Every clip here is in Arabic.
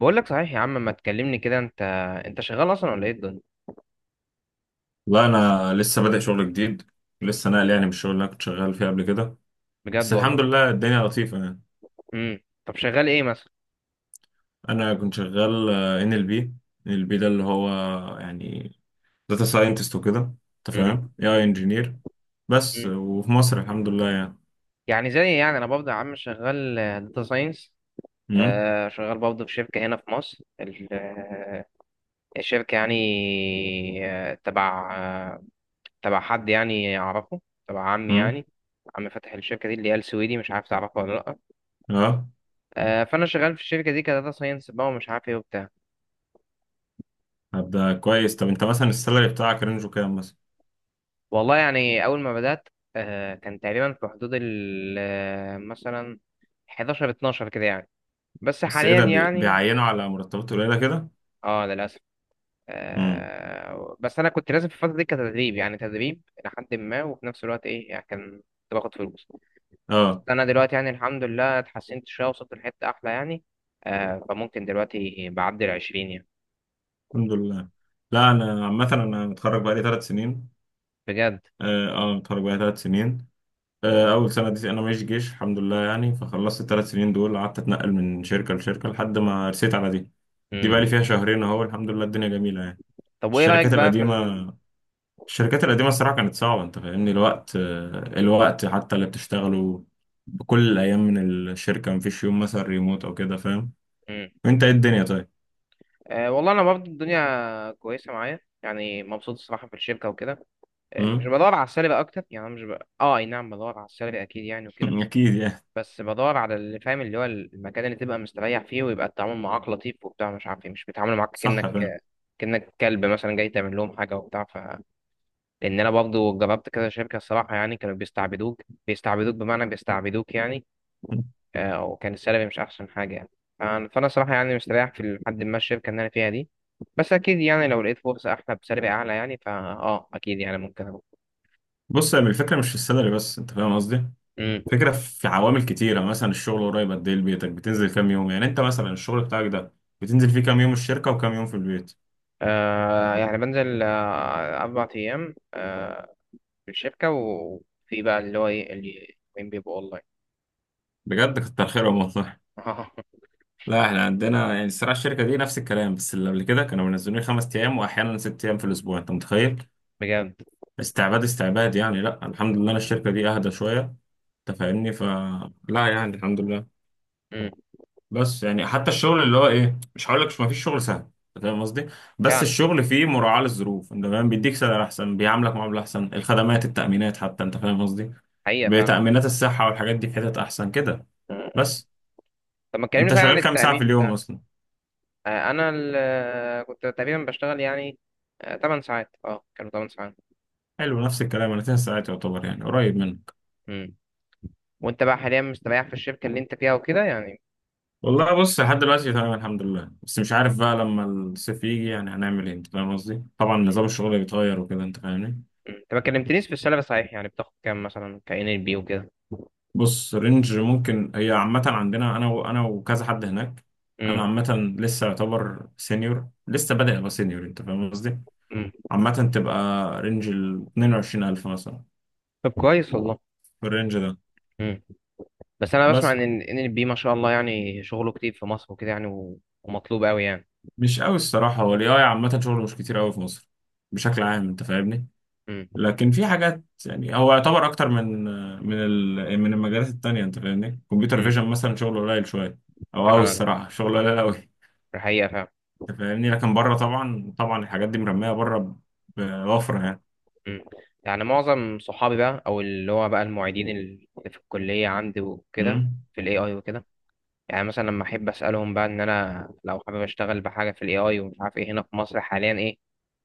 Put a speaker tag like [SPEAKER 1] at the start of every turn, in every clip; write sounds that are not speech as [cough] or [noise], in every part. [SPEAKER 1] بقول لك صحيح يا عم، ما تكلمني كده. انت، شغال اصلا ولا ايه الدنيا؟
[SPEAKER 2] لا انا لسه بادئ شغل جديد. لسه ناقل يعني من الشغل اللي انا كنت شغال فيه قبل كده. بس
[SPEAKER 1] بجد
[SPEAKER 2] الحمد
[SPEAKER 1] والله.
[SPEAKER 2] لله الدنيا لطيفه يعني.
[SPEAKER 1] طب شغال ايه مثلا؟
[SPEAKER 2] انا كنت شغال ان ال بي. ان ال بي ده اللي هو يعني داتا ساينتست وكده. انت
[SPEAKER 1] امم
[SPEAKER 2] فاهم اي اي انجينير. بس
[SPEAKER 1] امم
[SPEAKER 2] وفي مصر الحمد لله يعني.
[SPEAKER 1] يعني زي، يعني انا برضه يا عم شغال داتا ساينس.
[SPEAKER 2] امم
[SPEAKER 1] شغال برضه في شركه هنا في مصر، الشركه يعني، آه، تبع آه، تبع حد يعني اعرفه، تبع عمي
[SPEAKER 2] امم
[SPEAKER 1] يعني. عم فتح الشركه دي اللي هي السويدي، مش عارف تعرفه ولا لا.
[SPEAKER 2] اه
[SPEAKER 1] فانا شغال في الشركه دي كداتا ساينس بقى، ومش عارف ايه وبتاع.
[SPEAKER 2] هبدا كويس. طب انت مثلا السالري بتاعك رينجو كام مثلا؟
[SPEAKER 1] والله يعني أول ما بدأت كان تقريبا في حدود ال مثلا 11 12 كده يعني. بس
[SPEAKER 2] بس ايه
[SPEAKER 1] حاليا
[SPEAKER 2] ده،
[SPEAKER 1] يعني
[SPEAKER 2] بيعينوا على مرتبات قليله كده.
[SPEAKER 1] اه للأسف.
[SPEAKER 2] امم
[SPEAKER 1] بس أنا كنت لازم في الفترة دي كتدريب، يعني تدريب لحد ما، وفي نفس الوقت إيه يعني، كان كنت باخد فلوس. بس
[SPEAKER 2] اه
[SPEAKER 1] أنا دلوقتي يعني الحمد لله اتحسنت شوية، وصلت لحتة أحلى يعني. فممكن دلوقتي بعدي العشرين يعني.
[SPEAKER 2] الحمد لله. لا انا عامه انا متخرج بقالي ثلاث سنين.
[SPEAKER 1] بجد.
[SPEAKER 2] اه اتخرج بقى ثلاث سنين. اول سنه دي انا ماشي جيش الحمد لله يعني، فخلصت الثلاث سنين دول قعدت اتنقل من شركه لشركه لحد ما رسيت على دي. دي بقى
[SPEAKER 1] مم.
[SPEAKER 2] لي فيها شهرين اهو، الحمد لله الدنيا جميله يعني.
[SPEAKER 1] طب وإيه رأيك
[SPEAKER 2] الشركات
[SPEAKER 1] بقى في
[SPEAKER 2] القديمه،
[SPEAKER 1] ال...؟
[SPEAKER 2] الشركات القديمه الصراحه كانت صعبه، انت فاهمني الوقت، الوقت حتى اللي بتشتغله بكل الايام. من الشركه مفيش يوم مثلا ريموت او كده، فاهم؟
[SPEAKER 1] مم.
[SPEAKER 2] وانت ايه الدنيا طيب؟
[SPEAKER 1] والله أنا برضه الدنيا كويسة معايا يعني، مبسوط الصراحة في الشركة وكده. مش
[SPEAKER 2] مم؟
[SPEAKER 1] بدور على السلبي اكتر يعني. أنا مش ب... اه اي نعم، بدور على السلبي اكيد يعني وكده.
[SPEAKER 2] [laughs] اكيد يعني.
[SPEAKER 1] بس بدور على اللي فاهم، اللي هو المكان اللي تبقى مستريح فيه، ويبقى التعامل معاك لطيف وبتاع، مش عارف ايه. مش بيتعاملوا معاك
[SPEAKER 2] صح
[SPEAKER 1] كأنك،
[SPEAKER 2] فاهم.
[SPEAKER 1] كلب مثلا جاي تعمل لهم حاجه وبتاع، ف. لان انا برضه جربت كذا شركه الصراحه يعني، كانوا بيستعبدوك، بيستعبدوك، بمعنى بيستعبدوك يعني. وكان السلبي مش احسن حاجه يعني. فانا صراحه يعني مستريح في لحد ما الشركه اللي انا فيها دي. بس اكيد يعني لو لقيت فرصه احلى بسلبي اعلى يعني، فا اه اكيد يعني ممكن اروح.
[SPEAKER 2] بص يا عم، الفكره مش في السالري بس، انت فاهم قصدي. فكرة في عوامل كتيرة، يعني مثلا الشغل قريب قد ايه لبيتك، بتنزل كام يوم؟ يعني انت مثلا الشغل بتاعك ده بتنزل فيه كام يوم الشركة وكام يوم في البيت؟
[SPEAKER 1] يعني بنزل أربع أيام في الشركة، وفي بقى اللي هو إيه اللي وين بيبقوا أونلاين.
[SPEAKER 2] بجد كتر خيرهم والله.
[SPEAKER 1] [laughs]
[SPEAKER 2] لا احنا عندنا يعني الصراحة الشركة دي نفس الكلام، بس اللي قبل كده كانوا منزلين خمس ايام واحيانا ست ايام في الاسبوع، انت متخيل؟
[SPEAKER 1] بجد.
[SPEAKER 2] استعباد استعباد يعني. لا الحمد لله أنا الشركة دي اهدى شوية، انت فاهمني، فلا يعني الحمد لله.
[SPEAKER 1] مم.
[SPEAKER 2] بس يعني حتى الشغل اللي هو ايه، مش هقول لك ما فيش شغل سهل، أنت فاهم قصدي. بس
[SPEAKER 1] فعلا.
[SPEAKER 2] الشغل فيه مراعاة للظروف، انت فاهم، بيديك سعر احسن، بيعاملك معاملة احسن، الخدمات، التأمينات، حتى انت فاهم قصدي،
[SPEAKER 1] حقيقة فعلا.
[SPEAKER 2] بتأمينات الصحة والحاجات دي، في حتت احسن كده.
[SPEAKER 1] مم. مم.
[SPEAKER 2] بس
[SPEAKER 1] طب ما تكلمني
[SPEAKER 2] انت
[SPEAKER 1] صحيح عن
[SPEAKER 2] شغال كام ساعة في
[SPEAKER 1] التأمين
[SPEAKER 2] اليوم
[SPEAKER 1] بتاعك.
[SPEAKER 2] اصلا؟
[SPEAKER 1] أنا كنت تقريبا بشتغل يعني 8 ساعات. أه كانوا 8 ساعات.
[SPEAKER 2] حلو، نفس الكلام، انا 9 ساعات يعتبر، يعني قريب منك.
[SPEAKER 1] مم. وأنت بقى حاليا مستريح في الشركة اللي أنت فيها وكده يعني؟
[SPEAKER 2] والله بص، لحد دلوقتي تمام الحمد لله، بس مش عارف بقى لما الصيف يجي يعني هنعمل ايه، انت فاهم قصدي، طبعا
[SPEAKER 1] مم.
[SPEAKER 2] نظام الشغل بيتغير وكده انت فاهمني.
[SPEAKER 1] مم. أنت ما كلمتنيش في السالري صحيح، يعني بتاخد كام مثلا كإن ال بي وكده؟
[SPEAKER 2] بص رينج ممكن، هي عامة عندنا أنا وكذا حد هناك. أنا
[SPEAKER 1] مم.
[SPEAKER 2] عامة لسه يعتبر سينيور، لسه بادئ أبقى سينيور، أنت فاهم قصدي؟
[SPEAKER 1] مم.
[SPEAKER 2] عامة تبقى رينج ال 22000 مثلا،
[SPEAKER 1] طب كويس والله.
[SPEAKER 2] في الرينج ده.
[SPEAKER 1] بس انا بسمع
[SPEAKER 2] بس
[SPEAKER 1] ان ال بي ما شاء الله يعني شغله كتير في مصر وكده يعني، و- ومطلوب قوي يعني.
[SPEAKER 2] مش قوي الصراحة، هو ال AI عامة شغله مش كتير قوي في مصر بشكل عام، أنت فاهمني؟
[SPEAKER 1] امم
[SPEAKER 2] لكن في حاجات يعني هو يعتبر أكتر من من المجالات التانية، أنت فاهمني؟ كمبيوتر
[SPEAKER 1] امم
[SPEAKER 2] فيجن مثلا شغله قليل شوية، أو قوي
[SPEAKER 1] فعلا.
[SPEAKER 2] الصراحة شغله قليل قوي.
[SPEAKER 1] الحقيقه فعلا.
[SPEAKER 2] انت فاهمني، لكن بره طبعا طبعا الحاجات دي مرميه بره، بوفره يعني.
[SPEAKER 1] امم يعني معظم صحابي بقى، او اللي هو بقى المعيدين اللي في الكليه عندي وكده،
[SPEAKER 2] امم
[SPEAKER 1] في الاي اي وكده. يعني مثلا لما احب اسالهم بقى، ان انا لو حابب اشتغل بحاجه في الاي اي ومش عارف ايه، هنا في مصر حاليا ايه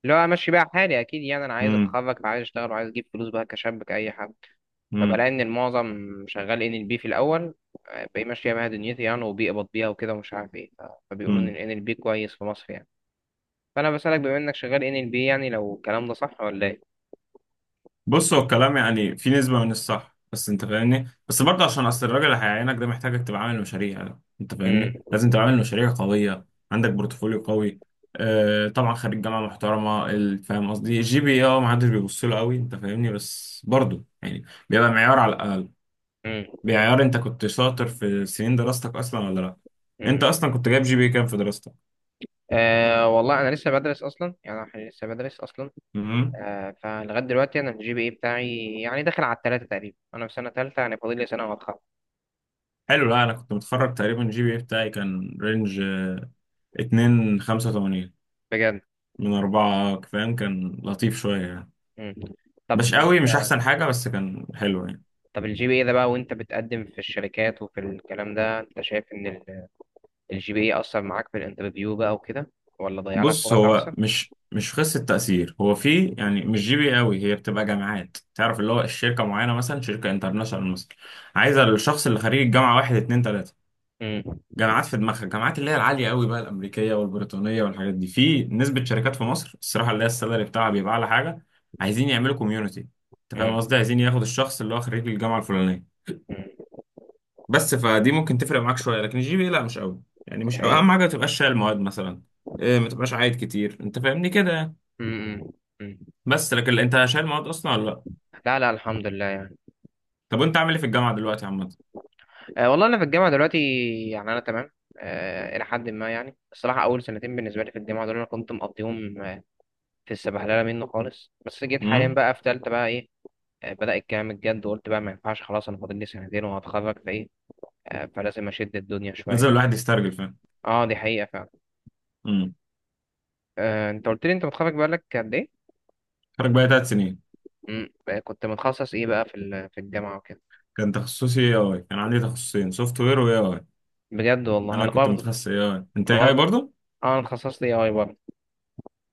[SPEAKER 1] اللي هو امشي بقى حالي؟ اكيد يعني انا عايز
[SPEAKER 2] امم
[SPEAKER 1] اتخرج وعايز اشتغل وعايز اجيب فلوس بقى كشاب كاي حد.
[SPEAKER 2] امم
[SPEAKER 1] فبلاقي ان المعظم شغال ان ال بي في الاول. باقي ماشيه بيها دنيتي يعني، وبيقبض بيها وكده ومش عارف ايه، ف-. فبيقولوا ان ال
[SPEAKER 2] امم
[SPEAKER 1] NLP كويس في مصر يعني. فانا بسالك بما انك شغال ان ال بي، يعني لو الكلام ده صح ولا ايه؟
[SPEAKER 2] بص هو الكلام يعني في نسبه من الصح، بس انت فاهمني، بس برضه عشان اصل الراجل اللي هيعينك ده محتاجك تبقى عامل مشاريع، انت
[SPEAKER 1] امم
[SPEAKER 2] فاهمني، لازم تبقى عامل مشاريع قويه، عندك بورتفوليو قوي. آه طبعا خريج جامعه محترمه، فاهم قصدي؟ الجي بي اه ما حدش بيبص له قوي، انت فاهمني، بس برضه يعني بيبقى معيار على الاقل،
[SPEAKER 1] امم
[SPEAKER 2] بيعيار انت كنت شاطر في سنين دراستك اصلا ولا لا. انت
[SPEAKER 1] امم
[SPEAKER 2] اصلا كنت جايب جي بي كام في دراستك؟
[SPEAKER 1] آه والله انا لسه بدرس اصلا يعني، انا لسه بدرس اصلا.
[SPEAKER 2] مم.
[SPEAKER 1] آه فلغايه دلوقتي انا الجي بي اي بتاعي يعني داخل على التلاته تقريبا، انا في سنه تالته يعني، فاضل لي سنه وهتخرج.
[SPEAKER 2] حلو. لا انا كنت متخرج تقريبا الجي بي اي بتاعي كان رينج اتنين خمسة وتمانين
[SPEAKER 1] بجد.
[SPEAKER 2] من أربعة، فاهم؟ كان لطيف شوية يعني،
[SPEAKER 1] امم طب
[SPEAKER 2] مش قوي، مش
[SPEAKER 1] انت.
[SPEAKER 2] أحسن حاجة، بس كان حلو يعني.
[SPEAKER 1] طب الجي بي اي ده بقى، وانت بتقدم في الشركات وفي الكلام ده، انت شايف ان الجي بي اي اثر معاك في الانترفيو بقى وكده، ولا ضيع لك
[SPEAKER 2] بص
[SPEAKER 1] فرص
[SPEAKER 2] هو
[SPEAKER 1] احسن؟
[SPEAKER 2] مش قصة تأثير، هو في يعني مش جي بي قوي، هي بتبقى جامعات تعرف اللي هو الشركة معينة، مثلا شركة انترناشونال مثلا عايزة الشخص اللي خريج الجامعة واحد اتنين تلاتة
[SPEAKER 1] امم
[SPEAKER 2] جامعات في دماغها، الجامعات اللي هي العاليه قوي بقى، الامريكيه والبريطانيه والحاجات دي. في نسبه شركات في مصر الصراحه اللي هي السالري بتاعها بيبقى اعلى حاجه، عايزين يعملوا كوميونتي، انت فاهم
[SPEAKER 1] امم
[SPEAKER 2] قصدي، عايزين ياخد الشخص اللي هو خريج الجامعه الفلانيه.
[SPEAKER 1] امم
[SPEAKER 2] بس فدي ممكن تفرق معاك شويه، لكن الجي بي لا مش قوي يعني،
[SPEAKER 1] دي
[SPEAKER 2] مش قوي. اهم
[SPEAKER 1] حقيقة.
[SPEAKER 2] حاجه ما تبقاش شايل مواد مثلا، إيه، ما تبقاش عايد كتير، انت فاهمني كده يعني.
[SPEAKER 1] امم امم
[SPEAKER 2] بس لكن انت شايل مواد اصلا ولا لا؟
[SPEAKER 1] لا لا، الحمد لله يعني.
[SPEAKER 2] طب وانت عامل ايه في الجامعه دلوقتي عامه؟
[SPEAKER 1] أه والله انا في الجامعه دلوقتي، يعني انا تمام. أه الى حد ما يعني. الصراحه اول سنتين بالنسبه لي في الجامعه دول انا كنت مقضيهم في السبهلله منه خالص. بس جيت حاليا
[SPEAKER 2] امم
[SPEAKER 1] بقى في ثالثه بقى ايه. بدأ الكلام الجد وقلت بقى ما ينفعش خلاص، انا فاضل لي سنتين وهتخرج فايه. فلازم اشد الدنيا شويه
[SPEAKER 2] لازم
[SPEAKER 1] يعني.
[SPEAKER 2] الواحد يسترجل، فاهم؟
[SPEAKER 1] اه دي حقيقه فعلا.
[SPEAKER 2] امم
[SPEAKER 1] انت قلت لي انت متخرج بقالك قد ايه؟
[SPEAKER 2] خرج بقى ثلاث سنين.
[SPEAKER 1] مم. بقى كنت متخصص ايه بقى في في الجامعه وكده؟
[SPEAKER 2] كان تخصصي اي اي، كان عندي تخصصين، سوفت وير واي اي.
[SPEAKER 1] بجد والله.
[SPEAKER 2] انا
[SPEAKER 1] انا
[SPEAKER 2] كنت
[SPEAKER 1] برضه.
[SPEAKER 2] متخصص اي اي، انت
[SPEAKER 1] انا
[SPEAKER 2] اي اي
[SPEAKER 1] برضه
[SPEAKER 2] برضه؟
[SPEAKER 1] اه، انا اتخصصت اي اي برضه.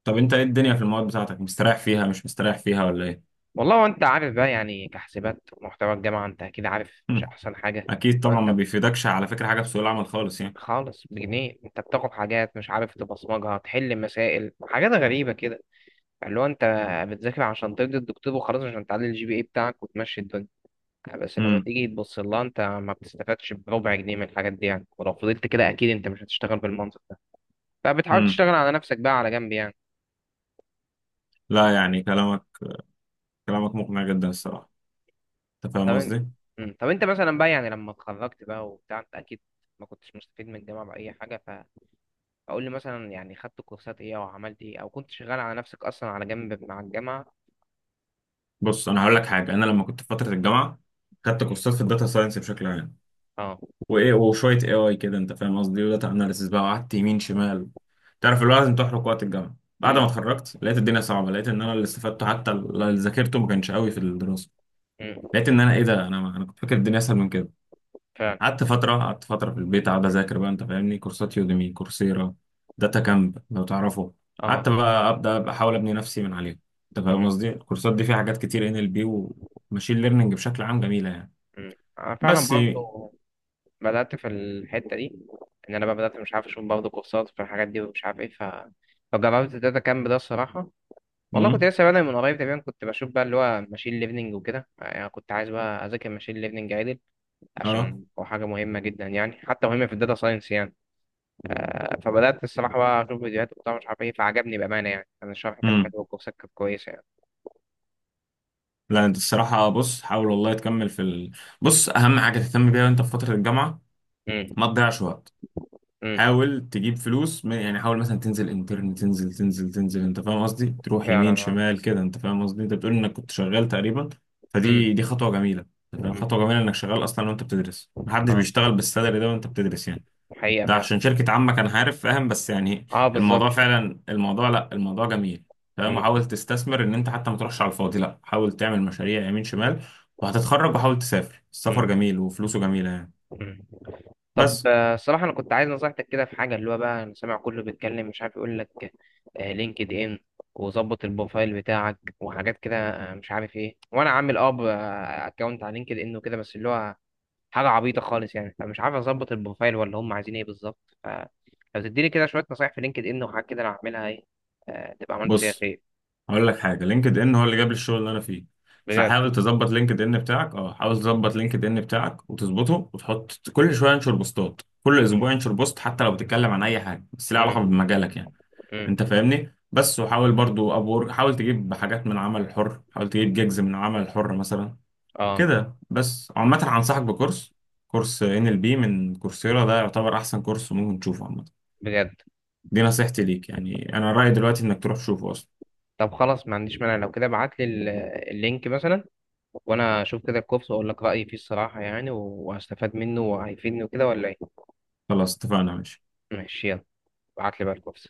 [SPEAKER 2] طب انت ايه الدنيا في المواد بتاعتك، مستريح فيها مش مستريح فيها ولا ايه؟
[SPEAKER 1] والله وانت عارف بقى يعني، كحسابات ومحتوى الجامعه انت اكيد عارف مش
[SPEAKER 2] هم.
[SPEAKER 1] احسن حاجه.
[SPEAKER 2] اكيد طبعا، ما
[SPEAKER 1] انت،
[SPEAKER 2] بيفيدكش على فكره حاجه في سوق العمل خالص يعني.
[SPEAKER 1] خالص بجنيه، انت بتاخد حاجات مش عارف تبصمجها، تحل مسائل، حاجات غريبه كده، اللي هو انت بتذاكر عشان ترضي الدكتور وخلاص، عشان تعلي الجي بي اي بتاعك وتمشي الدنيا. بس لما
[SPEAKER 2] امم
[SPEAKER 1] تيجي تبص لها انت ما بتستفادش بربع جنيه من الحاجات دي يعني. ولو فضلت كده اكيد انت مش هتشتغل بالمنطق ده. فبتحاول
[SPEAKER 2] امم
[SPEAKER 1] تشتغل على نفسك بقى على جنب يعني.
[SPEAKER 2] لا يعني كلامك، كلامك مقنع جدا الصراحه، انت
[SPEAKER 1] طب
[SPEAKER 2] فاهم
[SPEAKER 1] انت.
[SPEAKER 2] قصدي.
[SPEAKER 1] مم. طب انت مثلا بقى، يعني لما اتخرجت بقى وبتاع، انت اكيد ما كنتش مستفيد من الجامعه باي حاجه، ف-. فقول لي مثلا يعني، خدت كورسات ايه او عملت ايه، او كنت شغال على نفسك اصلا على جنب مع الجامعه؟
[SPEAKER 2] بص انا هقول لك حاجه، انا لما كنت في فتره الجامعه خدت كورسات في الداتا ساينس بشكل عام،
[SPEAKER 1] اه.
[SPEAKER 2] وايه وشويه اي اي كده انت فاهم قصدي، وداتا اناليسيس بقى، وقعدت يمين شمال. تعرف اللي هو لازم تحرق وقت الجامعه. بعد
[SPEAKER 1] امم
[SPEAKER 2] ما اتخرجت لقيت الدنيا صعبه، لقيت ان انا اللي استفدته حتى اللي ذاكرته ما كانش قوي في الدراسه.
[SPEAKER 1] امم
[SPEAKER 2] لقيت ان انا ايه ده، انا كنت فاكر الدنيا اسهل من كده.
[SPEAKER 1] فعلا.
[SPEAKER 2] قعدت فتره، قعدت فتره في البيت قاعد اذاكر بقى، انت فاهمني، كورسات يوديمي، كورسيرا، داتا كامب لو تعرفه.
[SPEAKER 1] اه.
[SPEAKER 2] قعدت بقى ابدا أبقى احاول ابني نفسي من عليها، انت فاهم
[SPEAKER 1] امم
[SPEAKER 2] قصدي. الكورسات دي فيها حاجات كتير ان ال بي، وماشين ليرنينج، بشكل عام جميله يعني.
[SPEAKER 1] امم انا فعلا
[SPEAKER 2] بس
[SPEAKER 1] برضه بدات في الحته دي. ان انا بقى بدات مش عارف اشوف برضه كورسات في الحاجات دي ومش عارف ايه، ف، فجربت الداتا كامب ده الصراحه. والله كنت
[SPEAKER 2] امم
[SPEAKER 1] لسه بادئ من قريب تقريبا، كنت بشوف بقى اللي هو ماشين ليرنينج وكده يعني، كنت عايز بقى اذاكر ماشين ليرنينج عدل،
[SPEAKER 2] اه
[SPEAKER 1] عشان هو حاجة مهمة جدا يعني، حتى مهمة في الداتا ساينس يعني. فبدأت الصراحة بقى أشوف فيديوهات وبتاع مش عارف إيه، فعجبني بأمانة يعني. أنا الشرح كان حلو
[SPEAKER 2] امم
[SPEAKER 1] والكورسات كانت كويسة يعني.
[SPEAKER 2] لا انت الصراحه بص، حاول والله تكمل في ال... بص اهم حاجه تهتم بيها وانت في فتره الجامعه
[SPEAKER 1] امم
[SPEAKER 2] ما تضيعش وقت.
[SPEAKER 1] امم
[SPEAKER 2] حاول تجيب فلوس، يعني حاول مثلا تنزل انترن، تنزل، انت فاهم قصدي، تروح
[SPEAKER 1] فعلا.
[SPEAKER 2] يمين
[SPEAKER 1] اه.
[SPEAKER 2] شمال كده، انت فاهم قصدي. انت بتقول انك كنت شغال تقريبا،
[SPEAKER 1] امم
[SPEAKER 2] فدي خطوه جميله، انت فاهم،
[SPEAKER 1] امم
[SPEAKER 2] خطوه جميله انك شغال اصلا وانت بتدرس، محدش
[SPEAKER 1] اه
[SPEAKER 2] بيشتغل بالسالري ده وانت بتدرس يعني.
[SPEAKER 1] حقيقة
[SPEAKER 2] ده
[SPEAKER 1] فعلا.
[SPEAKER 2] عشان شركه عمك انا عارف، فاهم، بس يعني
[SPEAKER 1] اه بالظبط.
[SPEAKER 2] الموضوع فعلا، الموضوع لا الموضوع جميل، فاهم.
[SPEAKER 1] امم
[SPEAKER 2] حاول تستثمر ان انت حتى ما تروحش على الفاضي، لا حاول تعمل مشاريع يمين شمال، وهتتخرج. وحاول تسافر، السفر
[SPEAKER 1] امم
[SPEAKER 2] جميل وفلوسه جميله يعني.
[SPEAKER 1] امم طب
[SPEAKER 2] بس
[SPEAKER 1] الصراحة أنا كنت عايز نصيحتك كده في حاجة. اللي هو بقى أنا سامع كله بيتكلم مش عارف يقول لك لينكد إن وظبط البروفايل بتاعك وحاجات كده، مش عارف إيه. وأنا عامل أكونت على لينكد إن وكده، بس اللي هو حاجة عبيطة خالص يعني، فمش عارف أظبط البروفايل ولا هم عايزين إيه بالظبط. فلو تديني كده شوية نصايح في لينكد إن وحاجات كده أنا هعملها إيه، تبقى عملت فيها
[SPEAKER 2] بص
[SPEAKER 1] خير.
[SPEAKER 2] هقول لك حاجه، لينكد ان هو اللي جاب لي الشغل اللي انا فيه.
[SPEAKER 1] بجد.
[SPEAKER 2] فحاول تظبط لينكد ان بتاعك، اه حاول تظبط لينكد ان بتاعك وتظبطه، وتحط كل شويه انشر بوستات، كل
[SPEAKER 1] مم.
[SPEAKER 2] اسبوع انشر بوست، حتى لو بتتكلم عن اي حاجه بس ليها
[SPEAKER 1] مم.
[SPEAKER 2] علاقه بمجالك يعني،
[SPEAKER 1] مم.
[SPEAKER 2] انت فاهمني. بس وحاول برضو ابور، حاول تجيب حاجات من العمل الحر، حاول تجيب جيجز من العمل الحر مثلا
[SPEAKER 1] آه
[SPEAKER 2] كده. بس عامه هنصحك بكورس، كورس ان ال بي من كورسيرا، ده يعتبر احسن كورس ممكن تشوفه عامه.
[SPEAKER 1] بجد.
[SPEAKER 2] دي نصيحتي ليك يعني، انا رايي دلوقتي انك تروح تشوفه اصلا.
[SPEAKER 1] طب خلاص ما عنديش مانع. لو كده ابعت لي اللينك مثلا، وأنا أشوف كده الكورس وأقول لك رأيي فيه الصراحة يعني، وهستفاد منه وهيفيدني وكده ولا إيه.
[SPEAKER 2] خلاص اتفقنا، ماشي.
[SPEAKER 1] ماشي يلا. ابعت لي بقى الكورس.